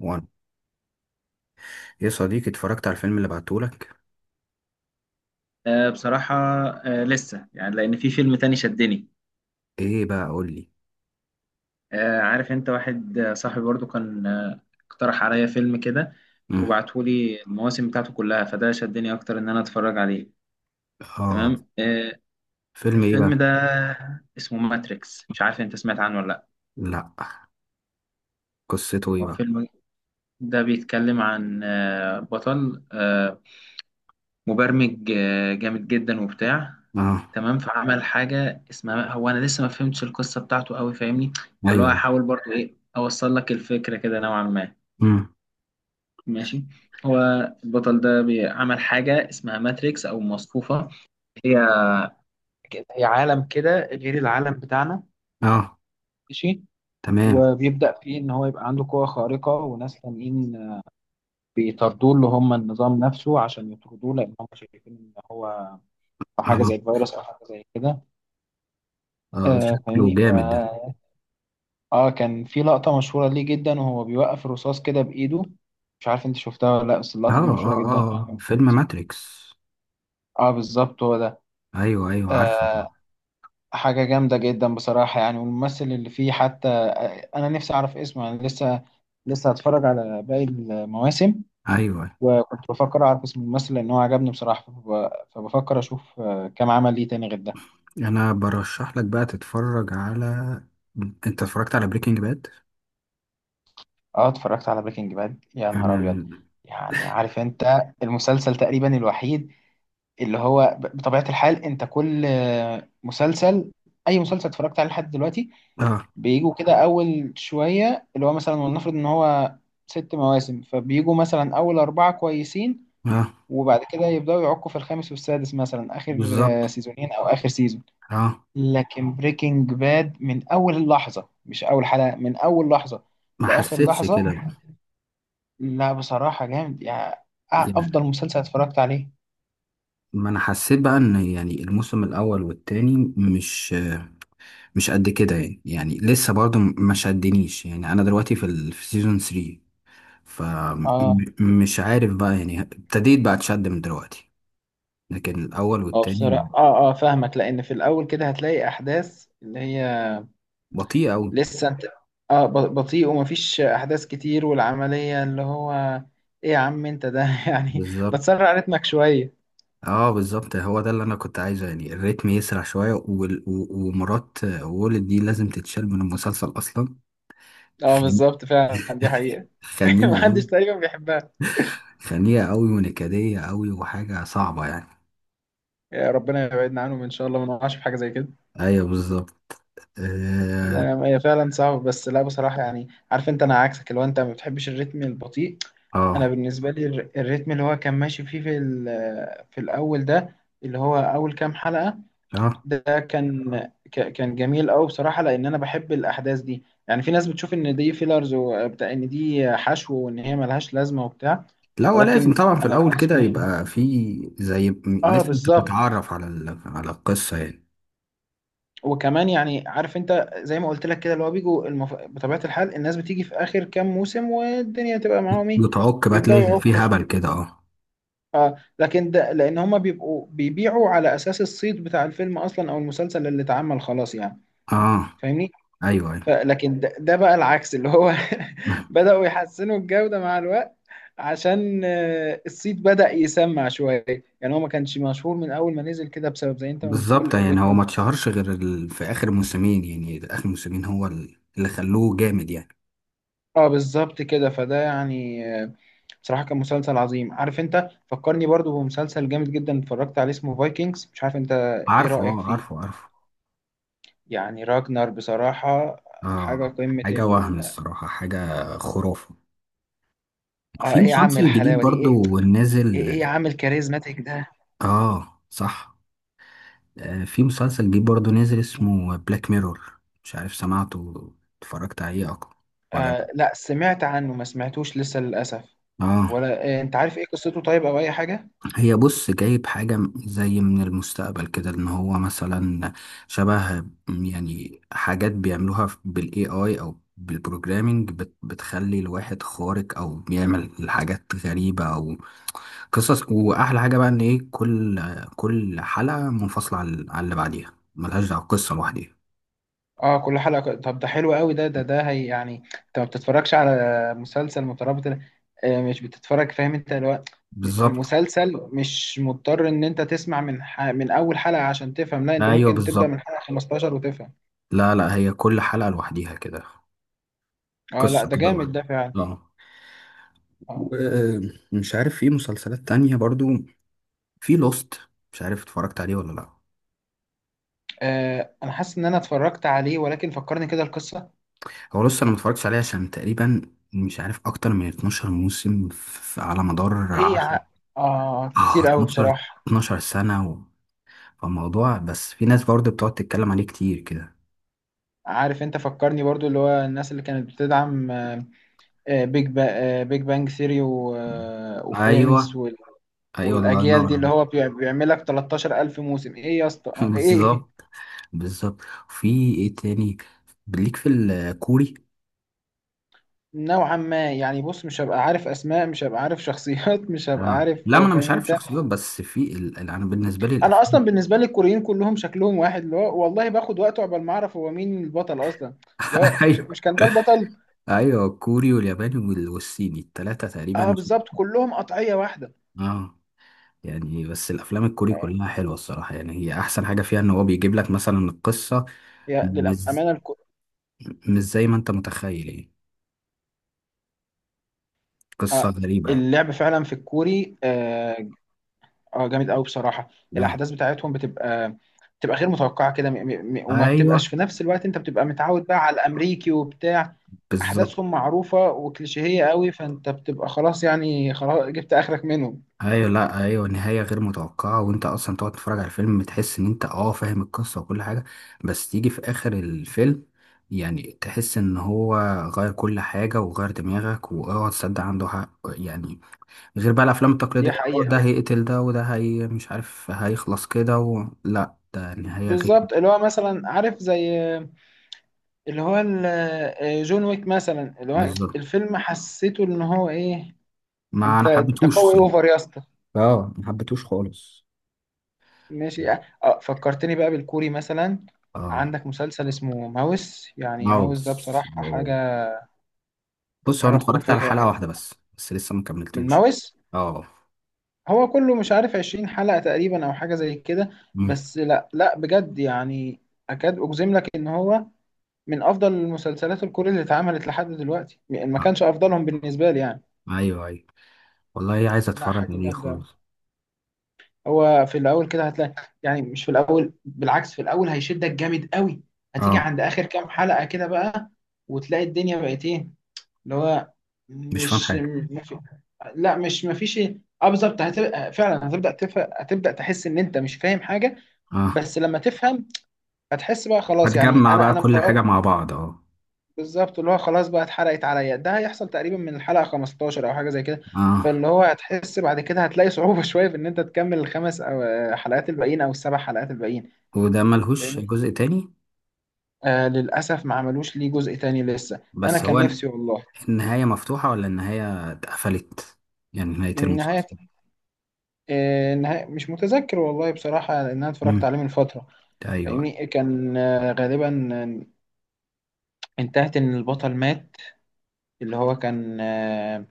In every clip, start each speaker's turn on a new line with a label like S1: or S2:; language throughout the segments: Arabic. S1: وانا، يا صديقي، اتفرجت على الفيلم اللي بعتهولك.
S2: بصراحة. لسه يعني، لأن في فيلم تاني شدني.
S1: ايه بقى؟ قول لي.
S2: عارف أنت، واحد صاحبي برضو كان اقترح عليا فيلم كده،
S1: امم.
S2: وبعتهولي المواسم بتاعته كلها، فده شدني أكتر إن أنا أتفرج عليه.
S1: اه
S2: تمام.
S1: فيلم ايه
S2: الفيلم
S1: بقى؟
S2: ده اسمه ماتريكس. مش عارف أنت سمعت عنه ولا لأ.
S1: لا. قصته ايه
S2: هو
S1: بقى؟
S2: الفيلم ده بيتكلم عن بطل مبرمج، جامد جدا وبتاع.
S1: اه.
S2: تمام. فعمل حاجة اسمها، هو أنا لسه ما فهمتش القصة بتاعته قوي، فاهمني. فاللي هو
S1: ايوه.
S2: هحاول برضو، إيه، أوصل لك الفكرة كده نوعا ما.
S1: امم.
S2: ماشي. هو البطل ده عمل حاجة اسمها ماتريكس أو مصفوفة. هي هي عالم كده غير العالم بتاعنا.
S1: اه.
S2: ماشي.
S1: تمام.
S2: وبيبدأ فيه إن هو يبقى عنده قوة خارقة، وناس تانيين بيطاردوه اللي هم النظام نفسه، عشان يطردوه لأن هم شايفين إن هو حاجة زي
S1: اه.
S2: الفيروس أو حاجة زي كده.
S1: اه، شكله
S2: فاهمني. ف
S1: جامد.
S2: اه كان في لقطة مشهورة ليه جدا، وهو بيوقف الرصاص كده بإيده. مش عارف انت شفتها ولا لا، بس
S1: اه،
S2: اللقطة دي مشهورة
S1: اه،
S2: جدا.
S1: اه، فيلم ماتريكس.
S2: اه، بالظبط هو ده.
S1: ايوه، ايوه، عارفه.
S2: آه حاجة جامدة جدا بصراحة يعني، والممثل اللي فيه حتى، أنا نفسي أعرف اسمه يعني. لسه هتفرج على باقي المواسم،
S1: ايوه.
S2: وكنت بفكر أعرف اسم الممثل لأن هو عجبني بصراحة. فبفكر أشوف كام عمل ليه تاني غير ده.
S1: انا برشح لك بقى تتفرج على. انت اتفرجت على بريكنج باد؟
S2: اه، اتفرجت على بريكنج باد، يا نهار أبيض.
S1: انا.
S2: يعني عارف أنت، المسلسل تقريبا الوحيد اللي هو بطبيعة الحال، انت كل مسلسل، اي مسلسل اتفرجت عليه لحد دلوقتي،
S1: اه.
S2: بيجوا كده اول شوية. اللي هو مثلا ولنفرض ان هو ست مواسم، فبيجوا مثلا اول اربعة كويسين،
S1: اه،
S2: وبعد كده يبدأوا يعكوا في الخامس والسادس، مثلا اخر
S1: بالظبط.
S2: سيزونين او اخر سيزون.
S1: اه.
S2: لكن بريكنج باد من اول لحظة، مش اول حلقة، من اول لحظة
S1: ما
S2: لاخر
S1: حسيتش
S2: لحظة.
S1: كده.
S2: لا، بصراحة جامد يعني. افضل مسلسل اتفرجت عليه.
S1: ما انا حسيت بقى ان يعني الموسم الاول والتاني مش قد كده، يعني لسه برضه ما شدنيش، يعني انا دلوقتي في سيزون 3،
S2: اه
S1: فمش عارف بقى، يعني ابتديت بقى اتشد من دلوقتي. لكن الاول
S2: اه
S1: والتاني.
S2: بصراحة، فاهمك. لأن في الأول كده هتلاقي أحداث اللي هي
S1: بطيء قوي.
S2: لسه أنت، بطيء ومفيش أحداث كتير، والعملية اللي هو، إيه يا عم أنت ده يعني،
S1: بالظبط.
S2: بتسرع رتمك شوية.
S1: اه، بالظبط، هو ده اللي انا كنت عايزه، يعني الريتم يسرع شويه، وال... و... ومرات وولد دي لازم تتشال من المسلسل اصلا.
S2: اه
S1: خن...
S2: بالظبط، فعلا دي حقيقة.
S1: خنيقه
S2: محدش
S1: قوي.
S2: تقريبا بيحبها.
S1: خنيقه قوي ونكديه قوي وحاجه صعبه يعني.
S2: يا ربنا يبعدنا عنهم إن شاء الله، ما نقعش في حاجة زي كده.
S1: ايوه، بالظبط. اه.
S2: لا، هي فعلا صعبة، بس لا بصراحة يعني. عارف أنت، أنا عكسك، اللي هو أنت ما بتحبش الريتم البطيء. أنا
S1: اه.
S2: بالنسبة لي الريتم اللي هو كان ماشي فيه في في الأول ده، اللي هو أول كام حلقة،
S1: آه.
S2: ده كان، كان جميل قوي بصراحه، لان انا بحب الاحداث دي يعني. في ناس بتشوف ان دي فيلرز وبتاع، ان دي حشو وان هي ملهاش لازمه وبتاع،
S1: لا، هو لازم
S2: ولكن
S1: طبعا في
S2: انا
S1: الاول كده
S2: بالنسبه لي،
S1: يبقى في.
S2: اه
S1: لسه انت
S2: بالظبط.
S1: بتتعرف على القصه يعني.
S2: وكمان يعني عارف انت، زي ما قلت لك كده، اللي هو بيجوا بطبيعه الحال الناس بتيجي في اخر كام موسم، والدنيا تبقى معاهم ايه،
S1: بتعك بقى، تلاقي
S2: بيبداوا
S1: في
S2: يعكوا
S1: هبل
S2: شوية.
S1: كده، اه.
S2: اه، لكن ده لان هما بيبقوا بيبيعوا على اساس الصيت بتاع الفيلم اصلا، او المسلسل اللي اتعمل خلاص يعني،
S1: اه.
S2: فاهمني.
S1: ايوه، ايوه،
S2: لكن ده بقى العكس اللي هو بدأوا يحسنوا الجودة مع الوقت، عشان الصيت بدأ يسمع شوية. يعني هو ما كانش مشهور من أول ما نزل كده، بسبب زي أنت ما بتقول،
S1: بالظبط، يعني
S2: الريتم
S1: هو ما
S2: البطيء.
S1: اتشهرش غير ال... في اخر موسمين، يعني اخر موسمين هو اللي خلوه جامد يعني.
S2: اه بالظبط كده، فده يعني بصراحة كان مسلسل عظيم. عارف أنت، فكرني برضو بمسلسل جامد جدا اتفرجت عليه اسمه فايكنجز. مش عارف أنت إيه
S1: عارفه،
S2: رأيك
S1: اه،
S2: فيه.
S1: عارفه، عارفه.
S2: يعني راجنر، بصراحة حاجة
S1: اه،
S2: قمة
S1: حاجه وهم
S2: ال
S1: الصراحه، حاجه خرافه.
S2: اه
S1: في
S2: إيه يا عم
S1: مسلسل جديد
S2: الحلاوة دي؟
S1: برضو نازل.
S2: إيه يا عم الكاريزماتيك ده.
S1: اه، صح. في مسلسل جديد برضه نازل اسمه بلاك ميرور، مش عارف سمعته اتفرجت عليه أكتر ولا لأ.
S2: لا، سمعت عنه، ما سمعتوش لسه للأسف.
S1: اه.
S2: ولا انت عارف ايه قصته طيب، او اي حاجة؟
S1: هي، بص، جايب حاجة زي من المستقبل كده، ان هو مثلا شبه، يعني حاجات بيعملوها بالاي اي او بالبروجرامينج بتخلي الواحد خارق، او بيعمل حاجات غريبة او قصص. واحلى حاجة بقى ان ايه، كل حلقة منفصلة عن اللي بعديها، ملهاش دعوة، قصة لوحديها.
S2: اه كل حلقة؟ طب ده حلو قوي. ده هي يعني، انت ما بتتفرجش على مسلسل مترابط. مش بتتفرج، فاهم انت
S1: بالظبط.
S2: المسلسل مش مضطر ان انت تسمع من من اول حلقة عشان تفهم. لا، انت
S1: ايوه،
S2: ممكن تبدأ
S1: بالظبط.
S2: من حلقة 15 وتفهم.
S1: لا، لا، هي كل حلقة لوحديها كده،
S2: اه لا،
S1: قصة
S2: ده
S1: كده لوحدها.
S2: جامد ده فعلا.
S1: اه.
S2: اه
S1: ومش عارف، في مسلسلات تانية برضو، في لوست، مش عارف اتفرجت عليه ولا لا.
S2: انا حاسس ان انا اتفرجت عليه، ولكن فكرني كده القصة.
S1: هو لوست انا متفرجتش عليه، عشان تقريبا مش عارف، اكتر من 12 موسم، في على مدار
S2: ايه يا ع...
S1: 10،
S2: اه،
S1: اه،
S2: كتير قوي
S1: 12،
S2: بصراحة.
S1: 12 سنة. و... فالموضوع بس، في ناس برضو بتقعد تتكلم عليه كتير كده.
S2: عارف انت، فكرني برضو اللي هو الناس اللي كانت بتدعم، آه، بيج با بيج بانج ثيري، وفريندز،
S1: ايوه، ايوه، الله ينور
S2: والاجيال دي، اللي
S1: عليك.
S2: هو بيعمل لك 13,000 موسم. ايه يا اسطى، ايه؟
S1: بالظبط. بالظبط. في ايه تاني ليك في الكوري؟
S2: نوعا ما يعني. بص، مش هبقى عارف اسماء، مش هبقى عارف شخصيات، مش هبقى
S1: اه،
S2: عارف،
S1: لا، ما انا مش
S2: فاهم
S1: عارف
S2: انت.
S1: شخصيات، بس انا بالنسبه لي
S2: انا اصلا
S1: الافلام.
S2: بالنسبه لي الكوريين كلهم شكلهم واحد، اللي هو والله باخد وقت عقبال ما اعرف هو مين البطل اصلا، اللي هو مش
S1: ايوه،
S2: مش كان ده البطل.
S1: ايوه، الكوري والياباني والصيني، الثلاثه
S2: اه
S1: تقريبا.
S2: بالظبط، كلهم قطعيه واحده.
S1: اه. يعني بس الافلام الكوري كلها حلوه الصراحه، يعني هي احسن حاجه فيها ان هو بيجيب لك مثلا القصه
S2: يا
S1: مش
S2: للأمانة.
S1: مش زي ما انت متخيل، يعني قصه
S2: آه،
S1: غريبه.
S2: اللعب فعلا في الكوري، جامد قوي بصراحه.
S1: اه.
S2: الاحداث بتاعتهم بتبقى غير متوقعه كده، وما بتبقاش
S1: ايوه،
S2: في نفس الوقت انت بتبقى متعود بقى على الامريكي وبتاع،
S1: بالظبط.
S2: احداثهم معروفه وكليشيهيه قوي، فانت بتبقى خلاص يعني، خلاص جبت اخرك منهم.
S1: ايوه، لا، ايوه، نهايه غير متوقعه، وانت اصلا تقعد تتفرج على الفيلم، تحس ان انت، اه، فاهم القصه وكل حاجه. بس تيجي في اخر الفيلم، يعني تحس ان هو غير كل حاجه، وغير دماغك، واوعى تصدق، عنده حق يعني. غير بقى الافلام التقليديه،
S2: دي
S1: اه،
S2: حقيقه.
S1: ده هيقتل ده، وده، هي مش عارف هيخلص كده، لا، ده نهايه غير.
S2: بالظبط، اللي هو مثلا عارف زي اللي هو جون ويك مثلا، اللي هو
S1: بالظبط.
S2: الفيلم حسيته ان هو ايه.
S1: ما
S2: انت
S1: انا
S2: انت
S1: حبيتهوش
S2: قوي
S1: صراحه.
S2: اوفر يا اسطى.
S1: اه، ما حبيتهوش خالص.
S2: ماشي. فكرتني بقى بالكوري مثلا.
S1: اه.
S2: عندك مسلسل اسمه ماوس. يعني ماوس
S1: ماوس.
S2: ده بصراحة حاجة،
S1: بص، هو انا
S2: حاجة
S1: اتفرجت على
S2: خرافية.
S1: حلقة واحدة بس لسه ما
S2: من
S1: كملتوش.
S2: ماوس،
S1: اه.
S2: هو كله مش عارف عشرين حلقة تقريبا، أو حاجة زي كده.
S1: امم.
S2: بس لا، لا بجد يعني، أكاد أجزم لك إن هو من أفضل المسلسلات الكورية اللي اتعملت لحد دلوقتي يعني. ما
S1: آه.
S2: كانش أفضلهم بالنسبة لي يعني.
S1: ايوه، ايوه، والله عايز
S2: لا،
S1: اتفرج
S2: حاجة
S1: عليه
S2: جامدة.
S1: خالص.
S2: هو في الاول كده هتلاقي، يعني مش في الاول، بالعكس في الاول هيشدك جامد قوي. هتيجي
S1: اه،
S2: عند اخر كام حلقة كده بقى، وتلاقي الدنيا بقت ايه، اللي هو
S1: مش فاهم
S2: مش
S1: حاجة.
S2: مفي... لا مش مفيش ايه. اه بالظبط، هتبقى فعلا، هتبدا تحس ان انت مش فاهم حاجه.
S1: اه،
S2: بس لما تفهم هتحس بقى خلاص يعني.
S1: هتجمع
S2: انا
S1: بقى
S2: انا
S1: كل حاجة
S2: متوقع.
S1: مع بعض، اه.
S2: بالظبط، اللي هو خلاص بقى، اتحرقت عليا. ده هيحصل تقريبا من الحلقة 15 او حاجة زي كده.
S1: اه.
S2: فاللي هو هتحس بعد كده، هتلاقي صعوبة شوية في ان انت تكمل الخمس او آه، حلقات الباقيين، او السبع حلقات الباقيين.
S1: وده ملهوش
S2: فاهمني.
S1: جزء تاني؟
S2: للاسف ما عملوش ليه جزء تاني لسه، انا
S1: بس
S2: كان
S1: هو
S2: نفسي والله.
S1: النهاية مفتوحة ولا النهاية اتقفلت؟ يعني نهاية المسلسل.
S2: النهاية، النهاية مش متذكر والله بصراحة، لان انا اتفرجت
S1: امم.
S2: عليه من فترة.
S1: ايوه.
S2: فاهمني، كان غالبا انتهت ان البطل مات. اللي هو كان آه،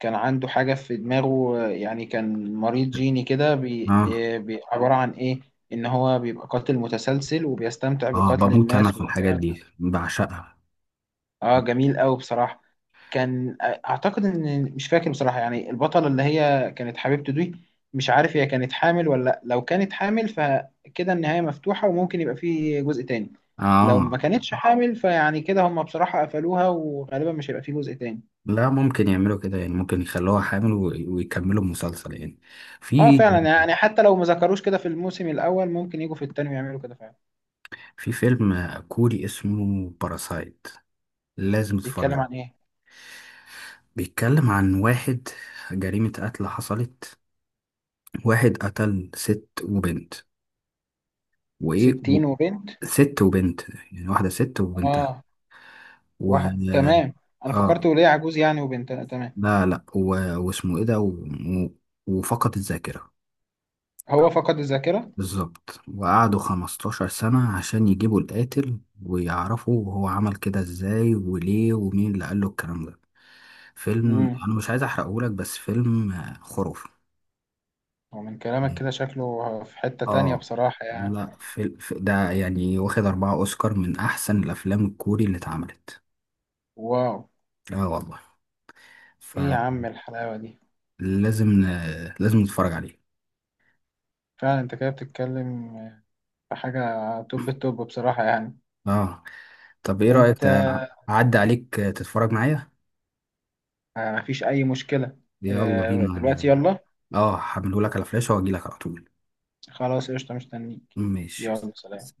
S2: كان عنده حاجة في دماغه، يعني كان مريض جيني كده،
S1: اه.
S2: عبارة عن إيه؟ إن هو بيبقى قاتل متسلسل وبيستمتع
S1: اه،
S2: بقتل
S1: بموت انا
S2: الناس
S1: في الحاجات
S2: وبتاع.
S1: دي، بعشقها.
S2: جميل أوي بصراحة. كان أعتقد إن، مش فاكر بصراحة يعني، البطلة اللي هي كانت حبيبته دي، مش عارف هي كانت حامل ولا لأ. لو كانت حامل فكده النهاية مفتوحة وممكن يبقى فيه جزء تاني. لو ما
S1: اه.
S2: كانتش حامل فيعني كده، هم بصراحة قفلوها وغالبا مش هيبقى فيه جزء تاني.
S1: لا، ممكن يعملوا كده، يعني ممكن يخلوها حامل ويكملوا المسلسل يعني.
S2: اه
S1: في
S2: فعلا يعني، حتى لو ما ذكروش كده في الموسم الاول، ممكن يجوا في التاني ويعملوا كده فعلا.
S1: في فيلم كوري اسمه باراسايت، لازم تتفرج
S2: بيتكلم
S1: عليه.
S2: عن ايه؟
S1: بيتكلم عن واحد، جريمة قتل حصلت، واحد قتل ست وبنت. وإيه و...
S2: 60 وبنت؟
S1: ست وبنت، يعني واحدة ست وبنتها.
S2: اه،
S1: و...
S2: واحد، تمام. انا فكرت
S1: آه،
S2: وليه عجوز يعني، وبنت. لا، تمام.
S1: لا، لا. واسمه إيه ده. و... وفقد الذاكرة.
S2: هو فقد الذاكرة.
S1: بالظبط، وقعدوا 15 سنة عشان يجيبوا القاتل، ويعرفوا هو عمل كده ازاي وليه، ومين اللي قال له الكلام ده. فيلم
S2: امم
S1: انا مش عايز احرقهولك، بس فيلم خرافي.
S2: ومن كلامك كده شكله في حتة تانية
S1: اه.
S2: بصراحة يعني.
S1: لا، ده يعني واخد أربعة أوسكار، من أحسن الأفلام الكوري اللي اتعملت.
S2: واو،
S1: اه، والله.
S2: ايه يا عم الحلاوة دي.
S1: فلازم لازم نتفرج عليه.
S2: فعلا انت كده بتتكلم في حاجة، توب التوب بصراحة يعني.
S1: اه. طب ايه رأيك،
S2: انت،
S1: أعدي عليك تتفرج معايا؟
S2: مفيش اي مشكلة.
S1: يلا
S2: دلوقتي،
S1: بينا.
S2: يلا.
S1: اه، هعملهولك على فلاشة واجيلك على طول.
S2: خلاص قشطة، مستنيك.
S1: ماشي.
S2: يلا، سلام.